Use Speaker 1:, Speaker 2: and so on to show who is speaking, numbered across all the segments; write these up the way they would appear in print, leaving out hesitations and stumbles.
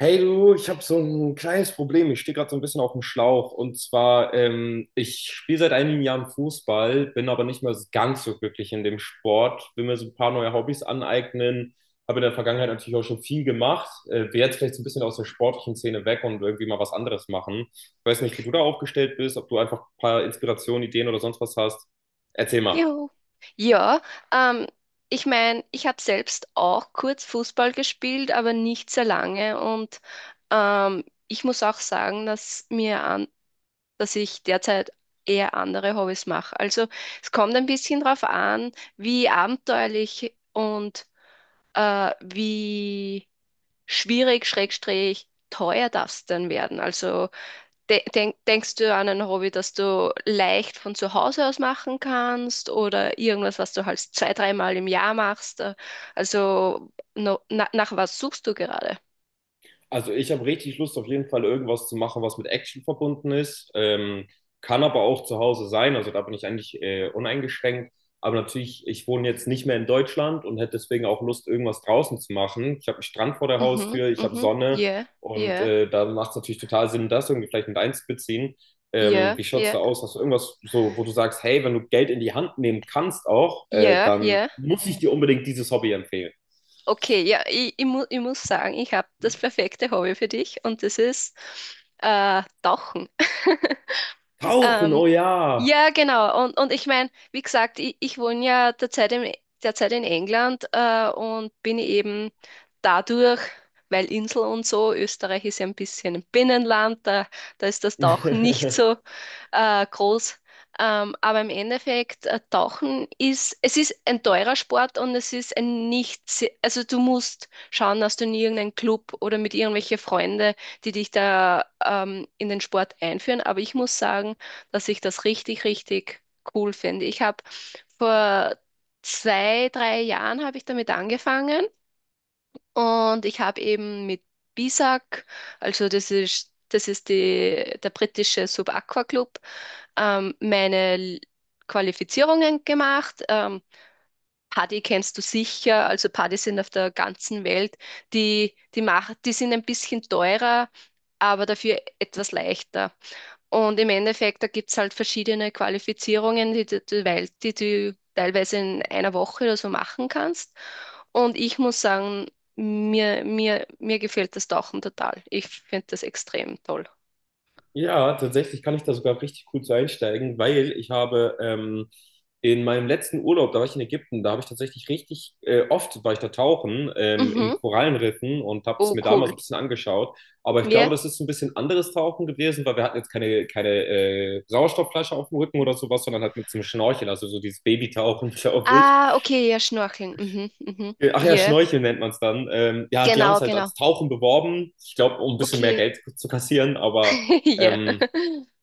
Speaker 1: Hey du, ich habe so ein kleines Problem. Ich stehe gerade so ein bisschen auf dem Schlauch. Und zwar, ich spiele seit einigen Jahren Fußball, bin aber nicht mehr ganz so glücklich in dem Sport. Will mir so ein paar neue Hobbys aneignen. Habe in der Vergangenheit natürlich auch schon viel gemacht. Will jetzt vielleicht so ein bisschen aus der sportlichen Szene weg und irgendwie mal was anderes machen. Ich weiß nicht, wie du da aufgestellt bist, ob du einfach ein paar Inspirationen, Ideen oder sonst was hast. Erzähl mal.
Speaker 2: Juhu. Ja, ähm, ich meine, ich habe selbst auch kurz Fußball gespielt, aber nicht sehr lange. Und ich muss auch sagen, dass ich derzeit eher andere Hobbys mache. Also es kommt ein bisschen drauf an, wie abenteuerlich und wie schwierig, schrägstrich, teuer das denn werden. Also denkst du an ein Hobby, das du leicht von zu Hause aus machen kannst oder irgendwas, was du halt zwei, dreimal im Jahr machst? Also no, na, nach was suchst du gerade?
Speaker 1: Also ich habe richtig Lust, auf jeden Fall irgendwas zu machen, was mit Action verbunden ist. Kann aber auch zu Hause sein. Also da bin ich eigentlich uneingeschränkt. Aber natürlich, ich wohne jetzt nicht mehr in Deutschland und hätte deswegen auch Lust, irgendwas draußen zu machen. Ich habe einen Strand vor der
Speaker 2: Mhm,
Speaker 1: Haustür, ich habe
Speaker 2: mhm,
Speaker 1: Sonne
Speaker 2: yeah,
Speaker 1: und
Speaker 2: yeah,
Speaker 1: da macht es natürlich total Sinn, das irgendwie vielleicht mit einzubeziehen.
Speaker 2: yeah,
Speaker 1: Wie schaut es
Speaker 2: yeah,
Speaker 1: da aus? Hast du irgendwas so, wo du sagst, hey, wenn du Geld in die Hand nehmen kannst auch,
Speaker 2: yeah,
Speaker 1: dann
Speaker 2: yeah.
Speaker 1: muss ich dir unbedingt dieses Hobby empfehlen.
Speaker 2: Okay, ja, ich muss sagen, ich habe das perfekte Hobby für dich und das ist Tauchen.
Speaker 1: Tauchen, oh
Speaker 2: Ähm,
Speaker 1: ja.
Speaker 2: Ja, genau. Und ich meine, wie gesagt, ich wohne ja derzeit in England und bin eben dadurch, weil Insel und so, Österreich ist ja ein bisschen ein Binnenland, da ist das Tauchen nicht so groß. Aber im Endeffekt, Tauchen ist, es ist ein teurer Sport und es ist ein nicht, se- also du musst schauen, dass du in irgendeinen Club oder mit irgendwelche Freunde, die dich da in den Sport einführen. Aber ich muss sagen, dass ich das richtig, richtig cool finde. Ich habe vor zwei, drei Jahren habe ich damit angefangen und ich habe eben mit BISAC, also das ist die, der britische Sub-Aqua Club, meine Qualifizierungen gemacht. Paddy kennst du sicher, also Paddy sind auf der ganzen Welt, die sind ein bisschen teurer, aber dafür etwas leichter. Und im Endeffekt, da gibt es halt verschiedene Qualifizierungen, die du teilweise in einer Woche oder so machen kannst. Und ich muss sagen, mir gefällt das Tauchen total. Ich finde das extrem toll.
Speaker 1: Ja, tatsächlich kann ich da sogar richtig gut so einsteigen, weil ich habe in meinem letzten Urlaub, da war ich in Ägypten, da habe ich tatsächlich richtig oft war ich da tauchen in
Speaker 2: Mhm.
Speaker 1: Korallenriffen und habe es
Speaker 2: Oh,
Speaker 1: mir damals
Speaker 2: cool.
Speaker 1: so ein bisschen angeschaut. Aber ich glaube,
Speaker 2: Ja.
Speaker 1: das ist ein bisschen anderes Tauchen gewesen, weil wir hatten jetzt keine, keine Sauerstoffflasche auf dem Rücken oder sowas, sondern halt mit so einem Schnorchel, also so dieses Babytauchen, glaube ich.
Speaker 2: Ah, okay, ja, Schnorcheln. Mhm, mhm.
Speaker 1: Ach ja,
Speaker 2: Yeah.
Speaker 1: Schnorcheln nennt man es dann. Ja, die haben es
Speaker 2: Genau,
Speaker 1: halt
Speaker 2: genau.
Speaker 1: als Tauchen beworben, ich glaube, um ein bisschen mehr
Speaker 2: Okay.
Speaker 1: Geld zu kassieren, aber.
Speaker 2: Ja.
Speaker 1: Ähm,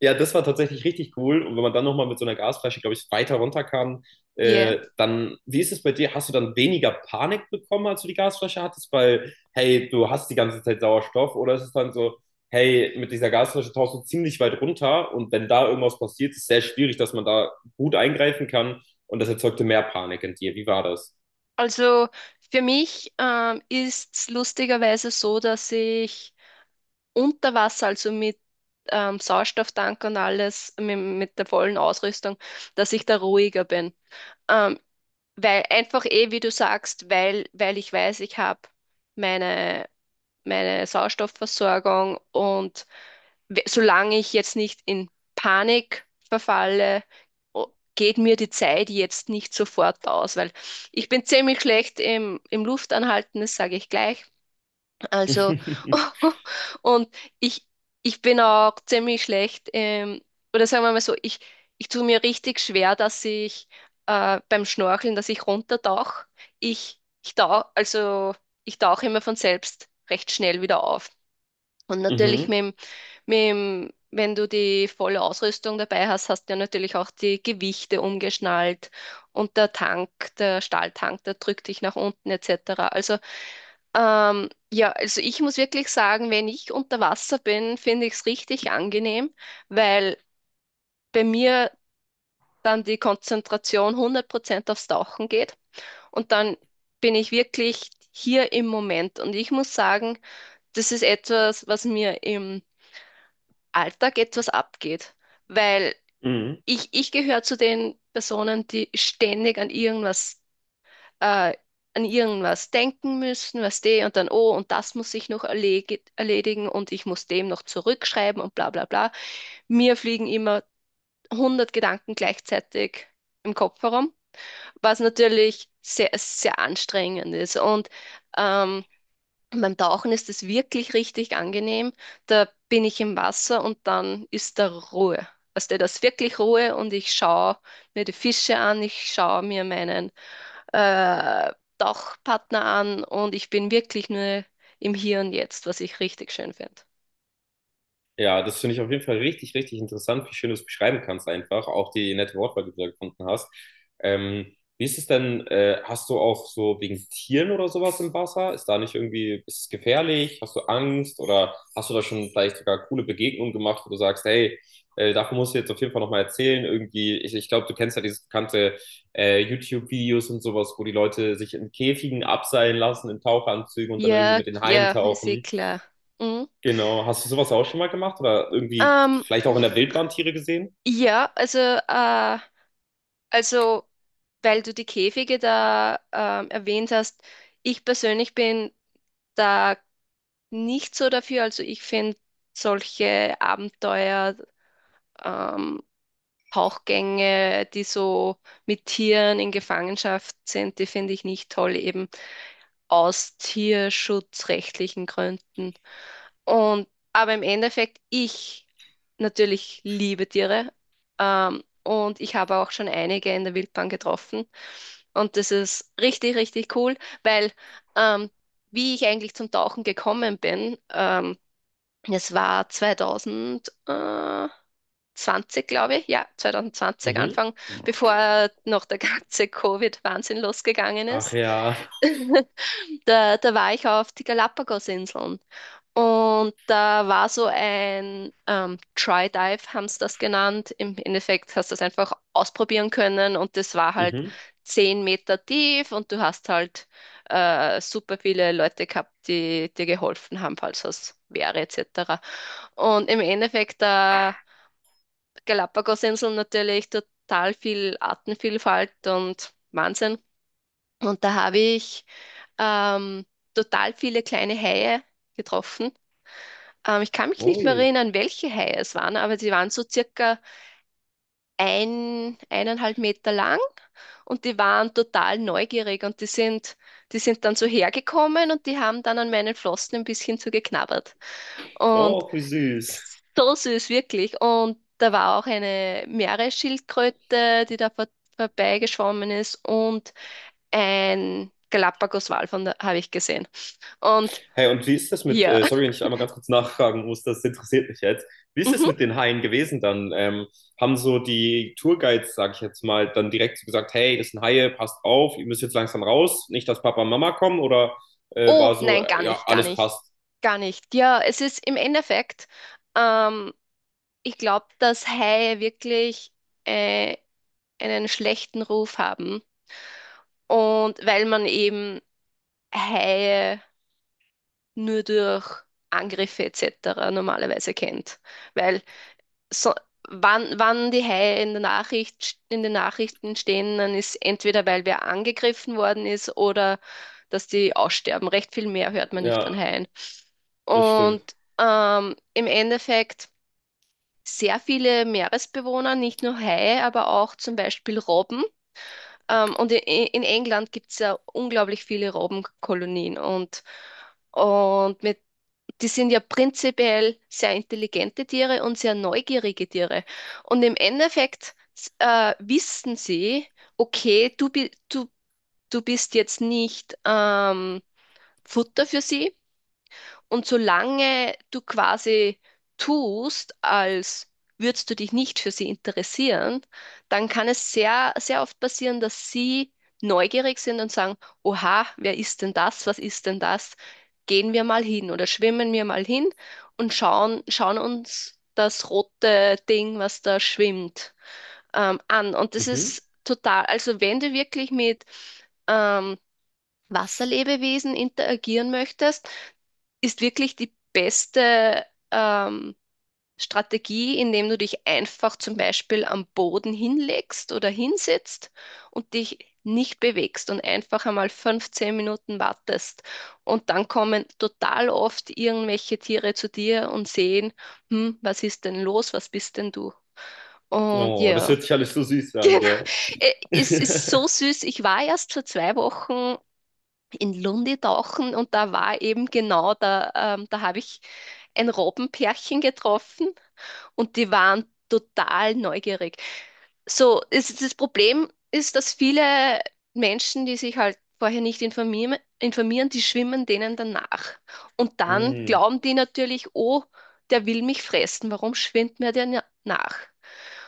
Speaker 1: ja, das war tatsächlich richtig cool. Und wenn man dann nochmal mit so einer Gasflasche, glaube ich, weiter runterkam,
Speaker 2: Ja.
Speaker 1: dann, wie ist es bei dir? Hast du dann weniger Panik bekommen, als du die Gasflasche hattest? Weil, hey, du hast die ganze Zeit Sauerstoff. Oder ist es dann so, hey, mit dieser Gasflasche tauchst du ziemlich weit runter und wenn da irgendwas passiert, ist es sehr schwierig, dass man da gut eingreifen kann und das erzeugte mehr Panik in dir. Wie war das?
Speaker 2: Also für mich ist es lustigerweise so, dass ich unter Wasser, also mit Sauerstofftank und alles, mit der vollen Ausrüstung, dass ich da ruhiger bin. Ähm, Weil einfach eh, wie du sagst, weil ich weiß, ich habe meine, meine Sauerstoffversorgung und solange ich jetzt nicht in Panik verfalle, o- geht mir die Zeit jetzt nicht sofort aus, weil ich bin ziemlich schlecht im Luftanhalten, das sage ich gleich. Also, und ich, ich bin auch ziemlich schlecht, oder sagen wir mal so, ich tue mir richtig schwer, dass ich beim Schnorcheln, dass ich runtertauche. Ich tauche, also ich tauche immer von selbst recht schnell wieder auf. Und natürlich
Speaker 1: Mhm.
Speaker 2: wenn du die volle Ausrüstung dabei hast, hast du ja natürlich auch die Gewichte umgeschnallt und der Tank, der Stahltank, der drückt dich nach unten etc. Also ja, also ich muss wirklich sagen, wenn ich unter Wasser bin, finde ich es richtig angenehm, weil bei mir dann die Konzentration 100% aufs Tauchen geht und dann bin ich wirklich hier im Moment. Und ich muss sagen, das ist etwas, was mir im Alltag etwas abgeht, weil
Speaker 1: Mhm.
Speaker 2: ich gehöre zu den Personen, die ständig äh, an irgendwas denken müssen, was die und dann, oh, und das muss ich noch erledigen und ich muss dem noch zurückschreiben und bla bla bla. Mir fliegen immer 100 Gedanken gleichzeitig im Kopf herum, was natürlich sehr, sehr anstrengend ist. Und ähm, beim Tauchen ist es wirklich richtig angenehm. Da bin ich im Wasser und dann ist da Ruhe. Also da ist wirklich Ruhe und ich schaue mir die Fische an, ich schaue mir meinen äh, Tauchpartner an und ich bin wirklich nur im Hier und Jetzt, was ich richtig schön finde.
Speaker 1: Ja, das finde ich auf jeden Fall richtig, richtig interessant, wie schön du es beschreiben kannst einfach, auch die nette Wortwahl, die du da gefunden hast. Wie ist es denn, hast du auch so wegen Tieren oder sowas im Wasser? Ist da nicht irgendwie, ist es gefährlich? Hast du Angst oder hast du da schon vielleicht sogar coole Begegnungen gemacht, wo du sagst, hey, davon musst du jetzt auf jeden Fall nochmal erzählen. Irgendwie, ich glaube, du kennst ja diese bekannte YouTube-Videos und sowas, wo die Leute sich in Käfigen abseilen lassen, in Tauchanzügen und dann irgendwie
Speaker 2: Ja,
Speaker 1: mit den Haien
Speaker 2: ja, ist eh
Speaker 1: tauchen.
Speaker 2: klar. Mhm.
Speaker 1: Genau. Hast du sowas auch schon mal gemacht oder irgendwie
Speaker 2: Ähm,
Speaker 1: vielleicht auch in der Wildbahn Tiere gesehen?
Speaker 2: ja, also, weil du die Käfige da erwähnt hast, ich persönlich bin da nicht so dafür. Also ich finde solche Abenteuer, ähm, Tauchgänge, die so mit Tieren in Gefangenschaft sind, die finde ich nicht toll eben, aus tierschutzrechtlichen Gründen. Aber im Endeffekt, ich natürlich liebe Tiere, und ich habe auch schon einige in der Wildbahn getroffen. Und das ist richtig, richtig cool, weil ähm, wie ich eigentlich zum Tauchen gekommen bin, es war 2000, 20, glaube ich, ja, 2020
Speaker 1: Mhm.
Speaker 2: Anfang, bevor noch der ganze Covid-Wahnsinn losgegangen
Speaker 1: Ach
Speaker 2: ist.
Speaker 1: ja.
Speaker 2: Da war ich auf die Galapagos-Inseln und da war so ein Try Dive, haben sie das genannt. Im Endeffekt hast du das einfach ausprobieren können und das war halt
Speaker 1: Mhm.
Speaker 2: 10 Meter tief und du hast halt super viele Leute gehabt, die dir geholfen haben, falls was wäre etc. Und im Endeffekt Galapagosinseln natürlich total viel Artenvielfalt und Wahnsinn. Und da habe ich ähm, total viele kleine Haie getroffen. Ich kann mich nicht mehr
Speaker 1: Ui.
Speaker 2: erinnern, welche Haie es waren, aber die waren so circa 1,5 Meter lang und die waren total neugierig und die sind dann so hergekommen und die haben dann an meinen Flossen ein bisschen so geknabbert. Und
Speaker 1: Oh, wie süß.
Speaker 2: so süß, wirklich. Und da war auch eine Meeresschildkröte, die da vorbeigeschwommen ist und ein Galapagoswal von da habe ich gesehen. Und
Speaker 1: Hey, und wie ist das mit,
Speaker 2: hier.
Speaker 1: sorry, wenn ich einmal ganz kurz nachfragen muss, das interessiert mich jetzt. Wie ist das
Speaker 2: Mhm.
Speaker 1: mit den Haien gewesen dann? Haben so die Tourguides, sag ich jetzt mal, dann direkt so gesagt, hey, das sind Haie, passt auf, ihr müsst jetzt langsam raus, nicht, dass Papa und Mama kommen oder
Speaker 2: Oh,
Speaker 1: war so,
Speaker 2: nein, gar
Speaker 1: ja,
Speaker 2: nicht, gar
Speaker 1: alles
Speaker 2: nicht,
Speaker 1: passt.
Speaker 2: gar nicht. Ja, es ist im Endeffekt, ähm, ich glaube, dass Haie wirklich äh, einen schlechten Ruf haben. Und weil man eben Haie nur durch Angriffe etc. normalerweise kennt. Weil so, wann die Haie in der Nachricht, in den Nachrichten stehen, dann ist entweder, weil wer angegriffen worden ist oder dass die aussterben. Recht viel mehr hört man nicht von
Speaker 1: Ja,
Speaker 2: Haien.
Speaker 1: das
Speaker 2: Und
Speaker 1: stimmt.
Speaker 2: im Endeffekt sehr viele Meeresbewohner, nicht nur Haie, aber auch zum Beispiel Robben. Und in England gibt es ja unglaublich viele Robbenkolonien. Und mit die sind ja prinzipiell sehr intelligente Tiere und sehr neugierige Tiere. Und im Endeffekt wissen sie, okay, du bist jetzt nicht Futter für sie, und solange du quasi tust, als würdest du dich nicht für sie interessieren, dann kann es sehr, sehr oft passieren, dass sie neugierig sind und sagen, Oha, wer ist denn das? Was ist denn das? Gehen wir mal hin oder schwimmen wir mal hin und schauen uns das rote Ding, was da schwimmt, an. Und das
Speaker 1: Mhm.
Speaker 2: ist total, also wenn du wirklich mit ähm, Wasserlebewesen interagieren möchtest, ist wirklich die beste ähm, Strategie, indem du dich einfach zum Beispiel am Boden hinlegst oder hinsetzt und dich nicht bewegst und einfach einmal 15 Minuten wartest. Und dann kommen total oft irgendwelche Tiere zu dir und sehen, hm, was ist denn los, was bist denn du? Und
Speaker 1: Oh, das
Speaker 2: ja,
Speaker 1: hört sich alles so süß an,
Speaker 2: genau,
Speaker 1: gell?
Speaker 2: Es ist so süß. Ich war erst vor 2 Wochen in Lundi tauchen und da war eben genau da, da habe ich ein Robbenpärchen getroffen und die waren total neugierig. So, das Problem ist, dass viele Menschen, die sich halt vorher nicht informieren, die schwimmen denen danach. Und dann
Speaker 1: Mm.
Speaker 2: glauben die natürlich, oh, der will mich fressen, warum schwimmt mir der nach?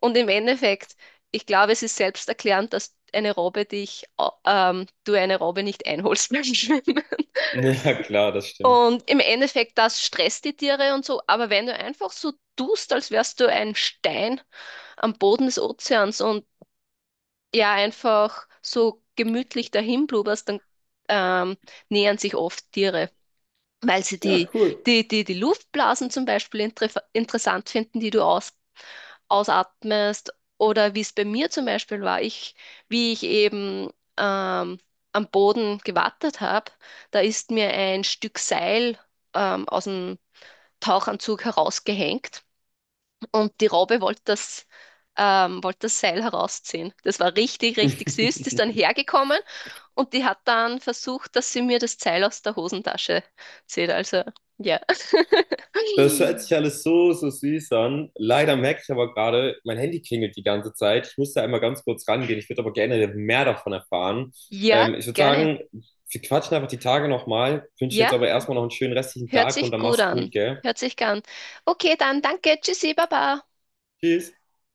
Speaker 2: Und im Endeffekt, ich glaube, es ist selbsterklärend, dass eine Robbe du eine Robbe nicht einholst beim Schwimmen.
Speaker 1: Ja, klar, das stimmt.
Speaker 2: Und im Endeffekt, das stresst die Tiere und so. Aber wenn du einfach so tust, als wärst du ein Stein am Boden des Ozeans und ja, einfach so gemütlich dahin blubberst, dann ähm, nähern sich oft Tiere, weil sie
Speaker 1: Ja,
Speaker 2: die,
Speaker 1: cool.
Speaker 2: die, die, die Luftblasen zum Beispiel interessant finden, die du ausatmest oder wie es bei mir zum Beispiel war, wie ich eben ähm, am Boden gewartet habe, da ist mir ein Stück Seil aus dem Tauchanzug herausgehängt und die Robbe wollte das Seil herausziehen. Das war richtig, richtig süß. Die ist dann hergekommen und die hat dann versucht, dass sie mir das Seil aus der Hosentasche zieht. Also, ja.
Speaker 1: Das hört sich alles so, so süß an. Leider merke ich aber gerade, mein Handy klingelt die ganze Zeit. Ich muss da einmal ganz kurz rangehen. Ich würde aber gerne mehr davon erfahren.
Speaker 2: Ja,
Speaker 1: Ich würde
Speaker 2: gerne.
Speaker 1: sagen, wir quatschen einfach die Tage nochmal. Wünsche jetzt
Speaker 2: Ja.
Speaker 1: aber erstmal noch einen schönen restlichen
Speaker 2: Hört
Speaker 1: Tag und
Speaker 2: sich
Speaker 1: dann
Speaker 2: gut
Speaker 1: mach's gut,
Speaker 2: an.
Speaker 1: gell?
Speaker 2: Hört sich gern. Okay, dann danke. Tschüssi, Baba.
Speaker 1: Tschüss.